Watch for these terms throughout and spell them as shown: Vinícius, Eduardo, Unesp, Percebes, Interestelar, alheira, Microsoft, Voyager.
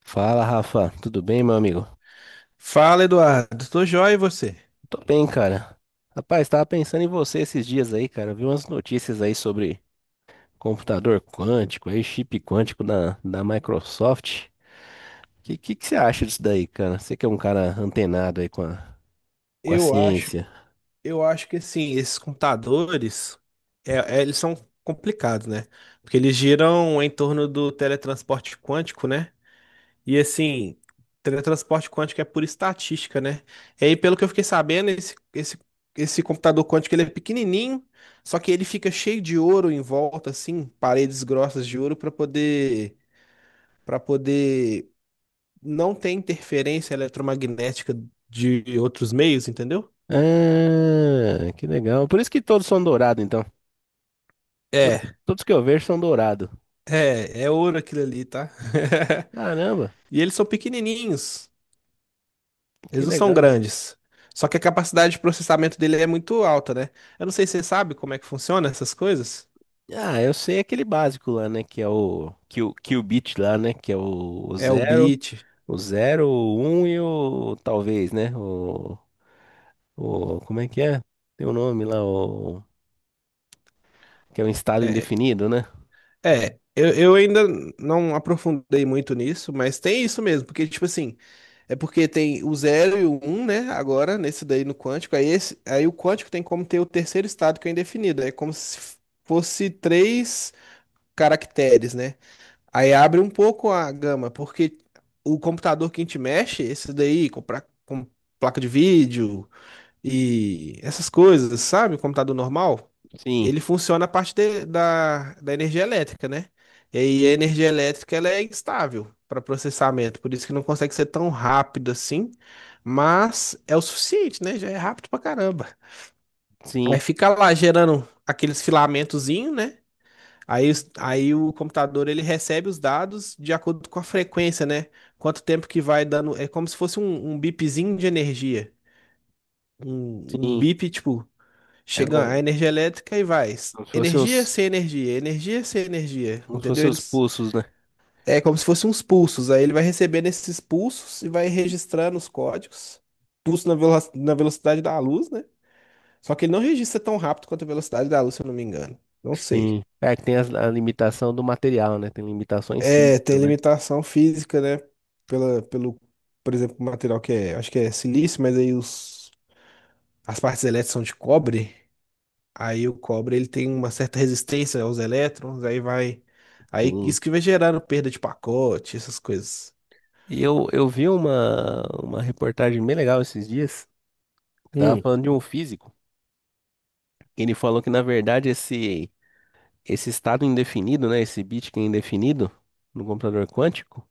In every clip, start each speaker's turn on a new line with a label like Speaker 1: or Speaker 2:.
Speaker 1: Fala, Rafa. Tudo bem, meu amigo?
Speaker 2: Fala, Eduardo. Tô joia e você?
Speaker 1: Tô bem, cara. Rapaz, tava pensando em você esses dias aí, cara. Vi umas notícias aí sobre computador quântico, aí chip quântico da Microsoft. Que você acha disso daí, cara? Você que é um cara antenado aí com com a
Speaker 2: Eu acho,
Speaker 1: ciência.
Speaker 2: eu acho que assim, esses computadores, eles são complicados, né? Porque eles giram em torno do teletransporte quântico, né? E assim, teletransporte quântico é por estatística, né? E aí, pelo que eu fiquei sabendo, esse computador quântico ele é pequenininho, só que ele fica cheio de ouro em volta, assim, paredes grossas de ouro para poder não tem interferência eletromagnética de outros meios, entendeu?
Speaker 1: Ah, que legal. Por isso que todos são dourados, então. To-
Speaker 2: É,
Speaker 1: Todos que eu vejo são dourados.
Speaker 2: é ouro aquilo ali, tá?
Speaker 1: Caramba,
Speaker 2: E eles são pequenininhos, eles
Speaker 1: que
Speaker 2: não são
Speaker 1: legal.
Speaker 2: grandes. Só que a capacidade de processamento dele é muito alta, né? Eu não sei se você sabe como é que funciona essas coisas.
Speaker 1: Ah, eu sei aquele básico lá, né? Que é o bit lá, né? Que é o
Speaker 2: É o
Speaker 1: zero.
Speaker 2: bit.
Speaker 1: O zero, o um e o talvez, né? O como é que é? Tem o nome lá, o que é um estado
Speaker 2: É, é
Speaker 1: indefinido, né?
Speaker 2: eu ainda não aprofundei muito nisso, mas tem isso mesmo, porque, tipo assim, é porque tem o zero e o um, né? Agora, nesse daí no quântico, aí o quântico tem como ter o terceiro estado que é indefinido. É como se fosse três caracteres, né? Aí abre um pouco a gama, porque o computador que a gente mexe, esse daí, com placa de vídeo, e essas coisas, sabe? O computador normal,
Speaker 1: Sim,
Speaker 2: ele funciona a partir da energia elétrica, né? E aí a energia elétrica ela é instável para processamento, por isso que não consegue ser tão rápido assim, mas é o suficiente, né? Já é rápido pra caramba.
Speaker 1: sim,
Speaker 2: Aí fica lá gerando aqueles filamentozinho, né? Aí o computador ele recebe os dados de acordo com a frequência, né? Quanto tempo que vai dando. É como se fosse um bipzinho de energia. Um
Speaker 1: sim.
Speaker 2: bip, tipo,
Speaker 1: É
Speaker 2: chega a
Speaker 1: um,
Speaker 2: energia elétrica e vai.
Speaker 1: como se fossem
Speaker 2: Energia sem energia,
Speaker 1: como se
Speaker 2: entendeu?
Speaker 1: fossem os
Speaker 2: Eles,
Speaker 1: pulsos, né?
Speaker 2: é como se fossem uns pulsos. Aí ele vai recebendo esses pulsos e vai registrando os códigos. Na velocidade da luz, né? Só que ele não registra tão rápido quanto a velocidade da luz, se eu não me engano. Não sei.
Speaker 1: Sim. É que tem limitação do material, né? Tem limitações
Speaker 2: É, tem
Speaker 1: físicas, né?
Speaker 2: limitação física, né? Pelo, por exemplo, o material que é, acho que é silício, mas aí os, as partes elétricas são de cobre. Aí o cobre ele tem uma certa resistência aos elétrons, aí vai. Aí
Speaker 1: Sim.
Speaker 2: isso que vai gerando perda de pacote, essas coisas.
Speaker 1: E eu vi uma reportagem bem legal esses dias, que tava
Speaker 2: Hum,
Speaker 1: falando de um físico. Ele falou que, na verdade, esse estado indefinido, né? Esse bit que é indefinido no computador quântico.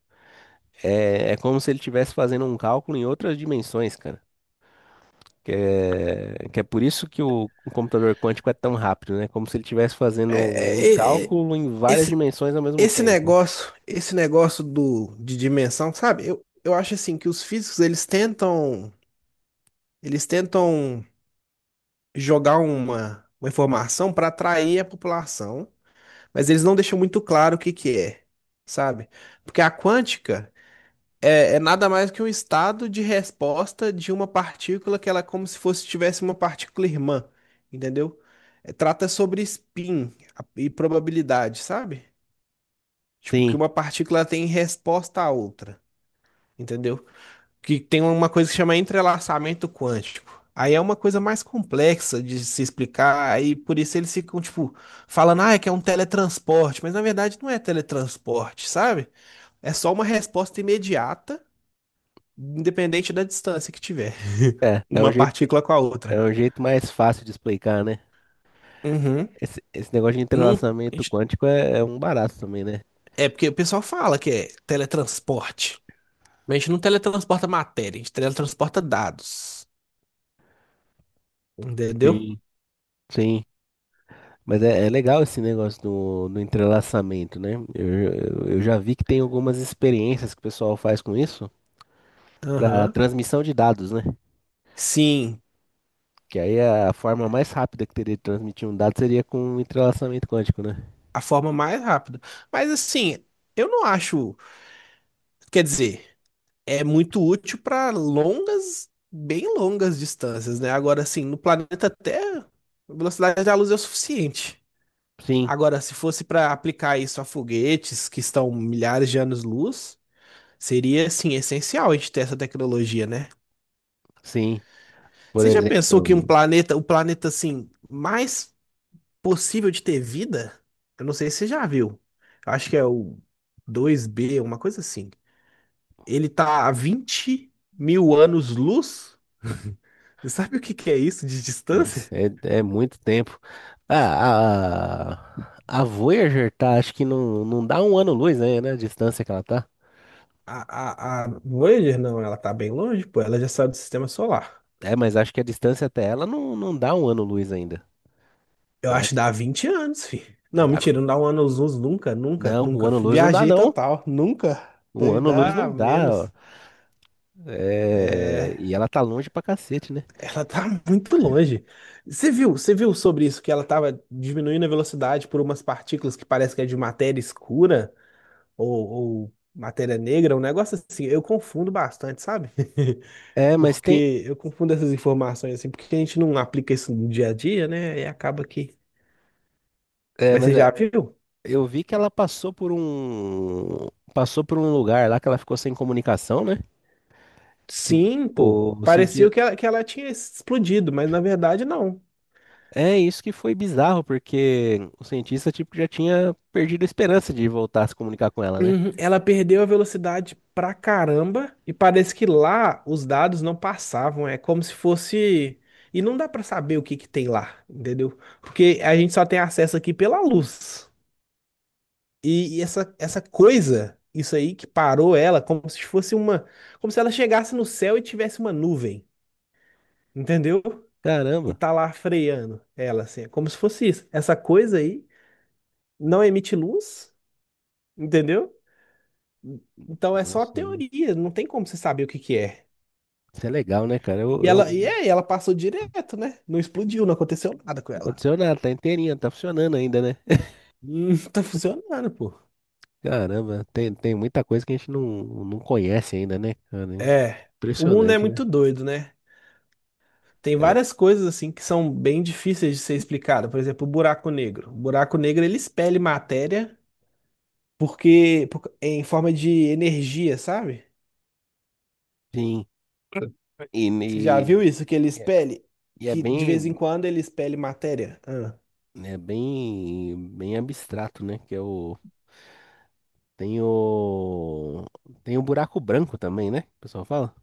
Speaker 1: É, é como se ele estivesse fazendo um cálculo em outras dimensões, cara. Que é por isso que o computador quântico é tão rápido, né? Como se ele estivesse fazendo um
Speaker 2: É, é, é, é,
Speaker 1: cálculo em várias
Speaker 2: esse,
Speaker 1: dimensões ao mesmo
Speaker 2: esse
Speaker 1: tempo.
Speaker 2: negócio, de dimensão, sabe? Eu acho assim que os físicos eles tentam jogar uma informação para atrair a população, mas eles não deixam muito claro o que que é, sabe? Porque a quântica é, é nada mais que um estado de resposta de uma partícula que ela é como se fosse tivesse uma partícula irmã, entendeu? Trata sobre spin e probabilidade, sabe? Tipo, que
Speaker 1: Sim,
Speaker 2: uma partícula tem resposta à outra, entendeu? Que tem uma coisa que chama entrelaçamento quântico. Aí é uma coisa mais complexa de se explicar, aí por isso eles ficam, tipo, falando, ah, é que é um teletransporte, mas na verdade não é teletransporte, sabe? É só uma resposta imediata independente da distância que tiver,
Speaker 1: é.
Speaker 2: uma partícula com a
Speaker 1: É
Speaker 2: outra.
Speaker 1: um jeito mais fácil de explicar, né?
Speaker 2: Uhum.
Speaker 1: Esse negócio de
Speaker 2: Não, a
Speaker 1: entrelaçamento
Speaker 2: gente-
Speaker 1: quântico é, é um barato também, né?
Speaker 2: é porque o pessoal fala que é teletransporte, mas a gente não teletransporta matéria, a gente teletransporta dados, entendeu?
Speaker 1: Sim. Sim. Mas é, é legal esse negócio do entrelaçamento, né? Eu já vi que tem algumas experiências que o pessoal faz com isso para
Speaker 2: Aham.
Speaker 1: transmissão de dados, né?
Speaker 2: Sim,
Speaker 1: Que aí a forma mais rápida que teria de transmitir um dado seria com um entrelaçamento quântico, né?
Speaker 2: a forma mais rápida. Mas assim, eu não acho, quer dizer, é muito útil para longas, bem longas distâncias, né? Agora, assim, no planeta Terra, a velocidade da luz é o suficiente.
Speaker 1: Sim,
Speaker 2: Agora, se fosse para aplicar isso a foguetes que estão milhares de anos-luz, seria assim essencial a gente ter essa tecnologia, né?
Speaker 1: sim. Por
Speaker 2: Você já pensou que um
Speaker 1: exemplo,
Speaker 2: planeta, o planeta assim mais possível de ter vida? Eu não sei se você já viu. Eu acho que é o dois b uma coisa assim. Ele tá a 20 mil anos-luz. Você sabe o que que é isso de
Speaker 1: mas
Speaker 2: distância?
Speaker 1: é, é muito tempo. Ah, a Voyager tá, acho que não dá um ano-luz, né? A distância que ela tá.
Speaker 2: A Voyager, não, ela tá bem longe, pô. Ela já saiu do sistema solar.
Speaker 1: É, mas acho que a distância até ela não dá um ano-luz ainda.
Speaker 2: Eu
Speaker 1: Ela
Speaker 2: acho que dá 20 anos, fi. Não,
Speaker 1: dá-
Speaker 2: mentira, não dá um ano aos uns nunca, nunca,
Speaker 1: não, um
Speaker 2: nunca.
Speaker 1: ano-luz não dá,
Speaker 2: Viajei
Speaker 1: não.
Speaker 2: total, nunca.
Speaker 1: Um
Speaker 2: Deve
Speaker 1: ano-luz não
Speaker 2: dar
Speaker 1: dá, ó.
Speaker 2: menos.
Speaker 1: É,
Speaker 2: É,
Speaker 1: e ela tá longe pra cacete, né?
Speaker 2: ela tá muito longe. Você viu sobre isso que ela tava diminuindo a velocidade por umas partículas que parece que é de matéria escura ou matéria negra, um negócio assim. Eu confundo bastante, sabe?
Speaker 1: É, mas tem.
Speaker 2: Porque eu confundo essas informações assim, porque a gente não aplica isso no dia a dia, né? E acaba que.
Speaker 1: É,
Speaker 2: Mas
Speaker 1: mas
Speaker 2: você
Speaker 1: é,
Speaker 2: já viu?
Speaker 1: Eu vi que ela passou por um, passou por um lugar lá que ela ficou sem comunicação, né? Que o,
Speaker 2: Sim, pô.
Speaker 1: o
Speaker 2: Parecia
Speaker 1: cientista,
Speaker 2: que ela tinha explodido, mas na verdade não.
Speaker 1: é isso que foi bizarro, porque o cientista tipo já tinha perdido a esperança de voltar a se comunicar com ela, né?
Speaker 2: Uhum. Ela perdeu a velocidade pra caramba e parece que lá os dados não passavam. É como se fosse. E não dá pra saber o que que tem lá, entendeu? Porque a gente só tem acesso aqui pela luz. Essa coisa, isso aí que parou ela, como se fosse uma. Como se ela chegasse no céu e tivesse uma nuvem, entendeu? E
Speaker 1: Caramba.
Speaker 2: tá lá freando ela, assim. É como se fosse isso. Essa coisa aí não emite luz, entendeu? Então é só
Speaker 1: Nossa,
Speaker 2: teoria, não tem como você saber o que que é.
Speaker 1: isso é legal, né, cara?
Speaker 2: E
Speaker 1: Eu...
Speaker 2: ela, e é, ela passou direto, né? Não explodiu, não aconteceu nada com
Speaker 1: Não
Speaker 2: ela.
Speaker 1: aconteceu nada, tá inteirinha, tá funcionando ainda, né?
Speaker 2: Tá funcionando, pô.
Speaker 1: Caramba, tem muita coisa que a gente não conhece ainda, né, cara?
Speaker 2: É, o mundo é
Speaker 1: Impressionante, né?
Speaker 2: muito doido, né? Tem
Speaker 1: É,
Speaker 2: várias coisas assim que são bem difíceis de ser explicado. Por exemplo, o buraco negro. O buraco negro ele expele matéria em forma de energia, sabe?
Speaker 1: sim. E, e,
Speaker 2: Você já viu isso que ele expele?
Speaker 1: e é
Speaker 2: Que de vez em
Speaker 1: bem,
Speaker 2: quando ele expele matéria? Ah.
Speaker 1: é bem, bem abstrato, né? Que é o. Tem o. Tem o buraco branco também, né? O pessoal fala?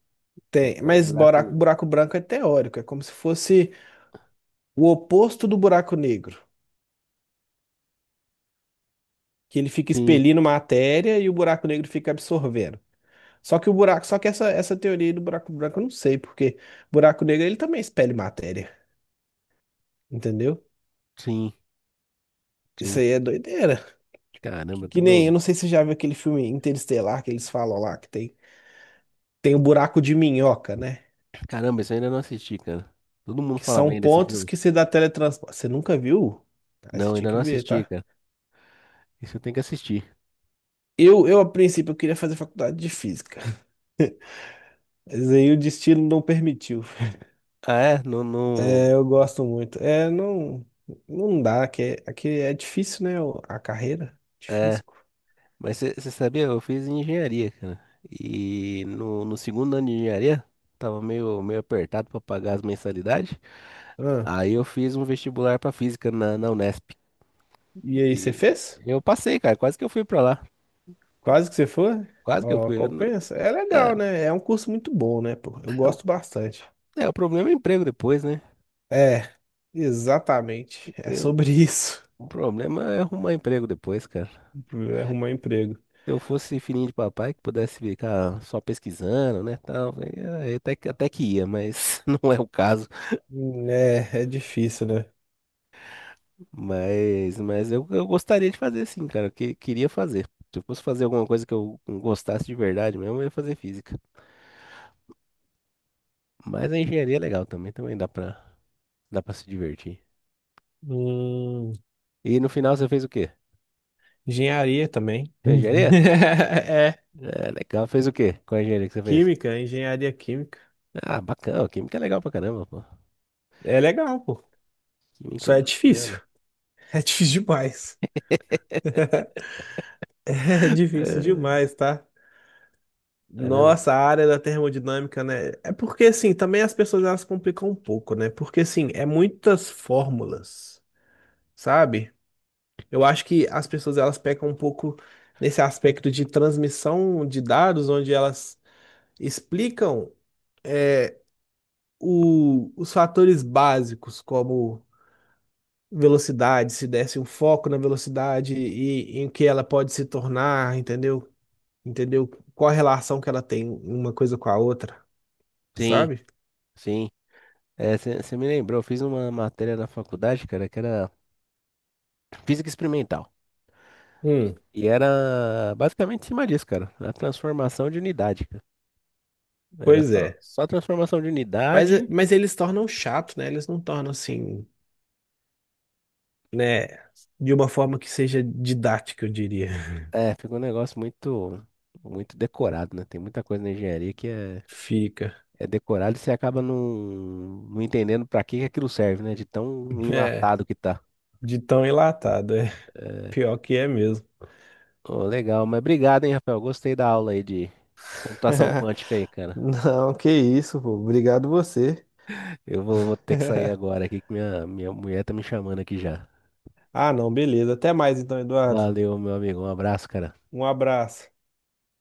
Speaker 2: Tem,
Speaker 1: É,
Speaker 2: mas
Speaker 1: buraco.
Speaker 2: buraco branco é teórico, é como se fosse o oposto do buraco negro, que ele fica
Speaker 1: Sim,
Speaker 2: expelindo matéria e o buraco negro fica absorvendo. Só que essa teoria do buraco branco eu não sei, porque buraco negro ele também expele matéria, entendeu?
Speaker 1: sim,
Speaker 2: Isso
Speaker 1: sim.
Speaker 2: aí é doideira.
Speaker 1: Caramba,
Speaker 2: Que nem, eu
Speaker 1: tudo.
Speaker 2: não sei se você já viu aquele filme Interestelar que eles falam lá que tem o buraco de minhoca, né?
Speaker 1: Caramba, isso eu ainda não assisti, cara. Todo mundo
Speaker 2: Que
Speaker 1: fala
Speaker 2: são
Speaker 1: bem desse
Speaker 2: pontos
Speaker 1: filme.
Speaker 2: que se dá teletransporte. Você nunca viu? Ah, você
Speaker 1: Não,
Speaker 2: tinha
Speaker 1: ainda
Speaker 2: que
Speaker 1: não
Speaker 2: ver,
Speaker 1: assisti,
Speaker 2: tá?
Speaker 1: cara. Isso eu tenho que assistir.
Speaker 2: Eu a princípio eu queria fazer faculdade de física. Mas aí o destino não permitiu.
Speaker 1: Ah, é? Não, não.
Speaker 2: É, eu gosto muito. Não dá, aqui é difícil, né? A carreira.
Speaker 1: É.
Speaker 2: Difícil.
Speaker 1: Mas você sabia, eu fiz engenharia, cara. E no segundo ano de engenharia, tava meio, meio apertado pra pagar as mensalidades.
Speaker 2: Ah,
Speaker 1: Aí eu fiz um vestibular pra física na Unesp.
Speaker 2: e aí, você
Speaker 1: E
Speaker 2: fez?
Speaker 1: eu passei, cara. Quase que eu fui pra lá.
Speaker 2: Quase que você foi?
Speaker 1: Quase que eu
Speaker 2: Ó,
Speaker 1: fui. Eu não-
Speaker 2: compensa. É
Speaker 1: é,
Speaker 2: legal, né? É um curso muito bom, né, pô? Eu
Speaker 1: o
Speaker 2: gosto bastante.
Speaker 1: é, o problema é emprego depois, né?
Speaker 2: É, exatamente. É
Speaker 1: Eu-
Speaker 2: sobre isso.
Speaker 1: o problema é arrumar emprego depois, cara.
Speaker 2: Arrumar emprego.
Speaker 1: Se eu fosse filhinho de papai que pudesse ficar só pesquisando, né, tal, aí, é, até que ia, mas não é o caso.
Speaker 2: Hum. É, é difícil, né?
Speaker 1: Mas eu gostaria de fazer sim, cara. Queria fazer. Se eu fosse fazer alguma coisa que eu gostasse de verdade mesmo, eu ia fazer física. Mas a engenharia é legal também, dá pra se divertir.
Speaker 2: Hum,
Speaker 1: E no final você fez o quê?
Speaker 2: engenharia também.
Speaker 1: Fez engenharia?
Speaker 2: É.
Speaker 1: É, legal. Fez o quê? Qual engenharia que você fez?
Speaker 2: Química, engenharia química.
Speaker 1: Ah, bacana. Química é legal pra caramba, pô.
Speaker 2: É legal, pô.
Speaker 1: Química
Speaker 2: Só
Speaker 1: é
Speaker 2: é difícil.
Speaker 1: bacana.
Speaker 2: É difícil demais. É difícil
Speaker 1: É,
Speaker 2: demais, tá?
Speaker 1: caramba.
Speaker 2: Nossa, a área da termodinâmica, né? É porque, assim, também as pessoas elas complicam um pouco, né? Porque, assim, é muitas fórmulas, sabe? Eu acho que as pessoas elas pecam um pouco nesse aspecto de transmissão de dados, onde elas explicam é, os fatores básicos, como velocidade, se desse um foco na velocidade e em que ela pode se tornar, entendeu? Entendeu? Qual a relação que ela tem uma coisa com a outra,
Speaker 1: Sim,
Speaker 2: sabe?
Speaker 1: sim. Você me lembrou, eu fiz uma matéria na faculdade, cara, que era física experimental.
Speaker 2: Hum,
Speaker 1: E era basicamente em cima disso, cara. A transformação de unidade, cara. Era
Speaker 2: pois é.
Speaker 1: só transformação de unidade.
Speaker 2: Mas eles tornam chato, né? Eles não tornam assim, né? De uma forma que seja didática, eu diria.
Speaker 1: É, ficou um negócio muito, muito decorado, né? Tem muita coisa na engenharia que é,
Speaker 2: Fica.
Speaker 1: é decorado e você acaba não entendendo para que que aquilo serve, né? De tão
Speaker 2: É,
Speaker 1: enlatado que tá.
Speaker 2: de tão enlatado, é.
Speaker 1: É,
Speaker 2: Pior que é mesmo.
Speaker 1: ô, legal, mas obrigado, hein, Rafael? Gostei da aula aí de computação quântica aí, cara.
Speaker 2: Não, que isso, pô. Obrigado você.
Speaker 1: Vou ter que sair agora aqui que minha mulher tá me chamando aqui já.
Speaker 2: Ah, não, beleza. Até mais então, Eduardo.
Speaker 1: Valeu, meu amigo. Um abraço, cara.
Speaker 2: Um abraço.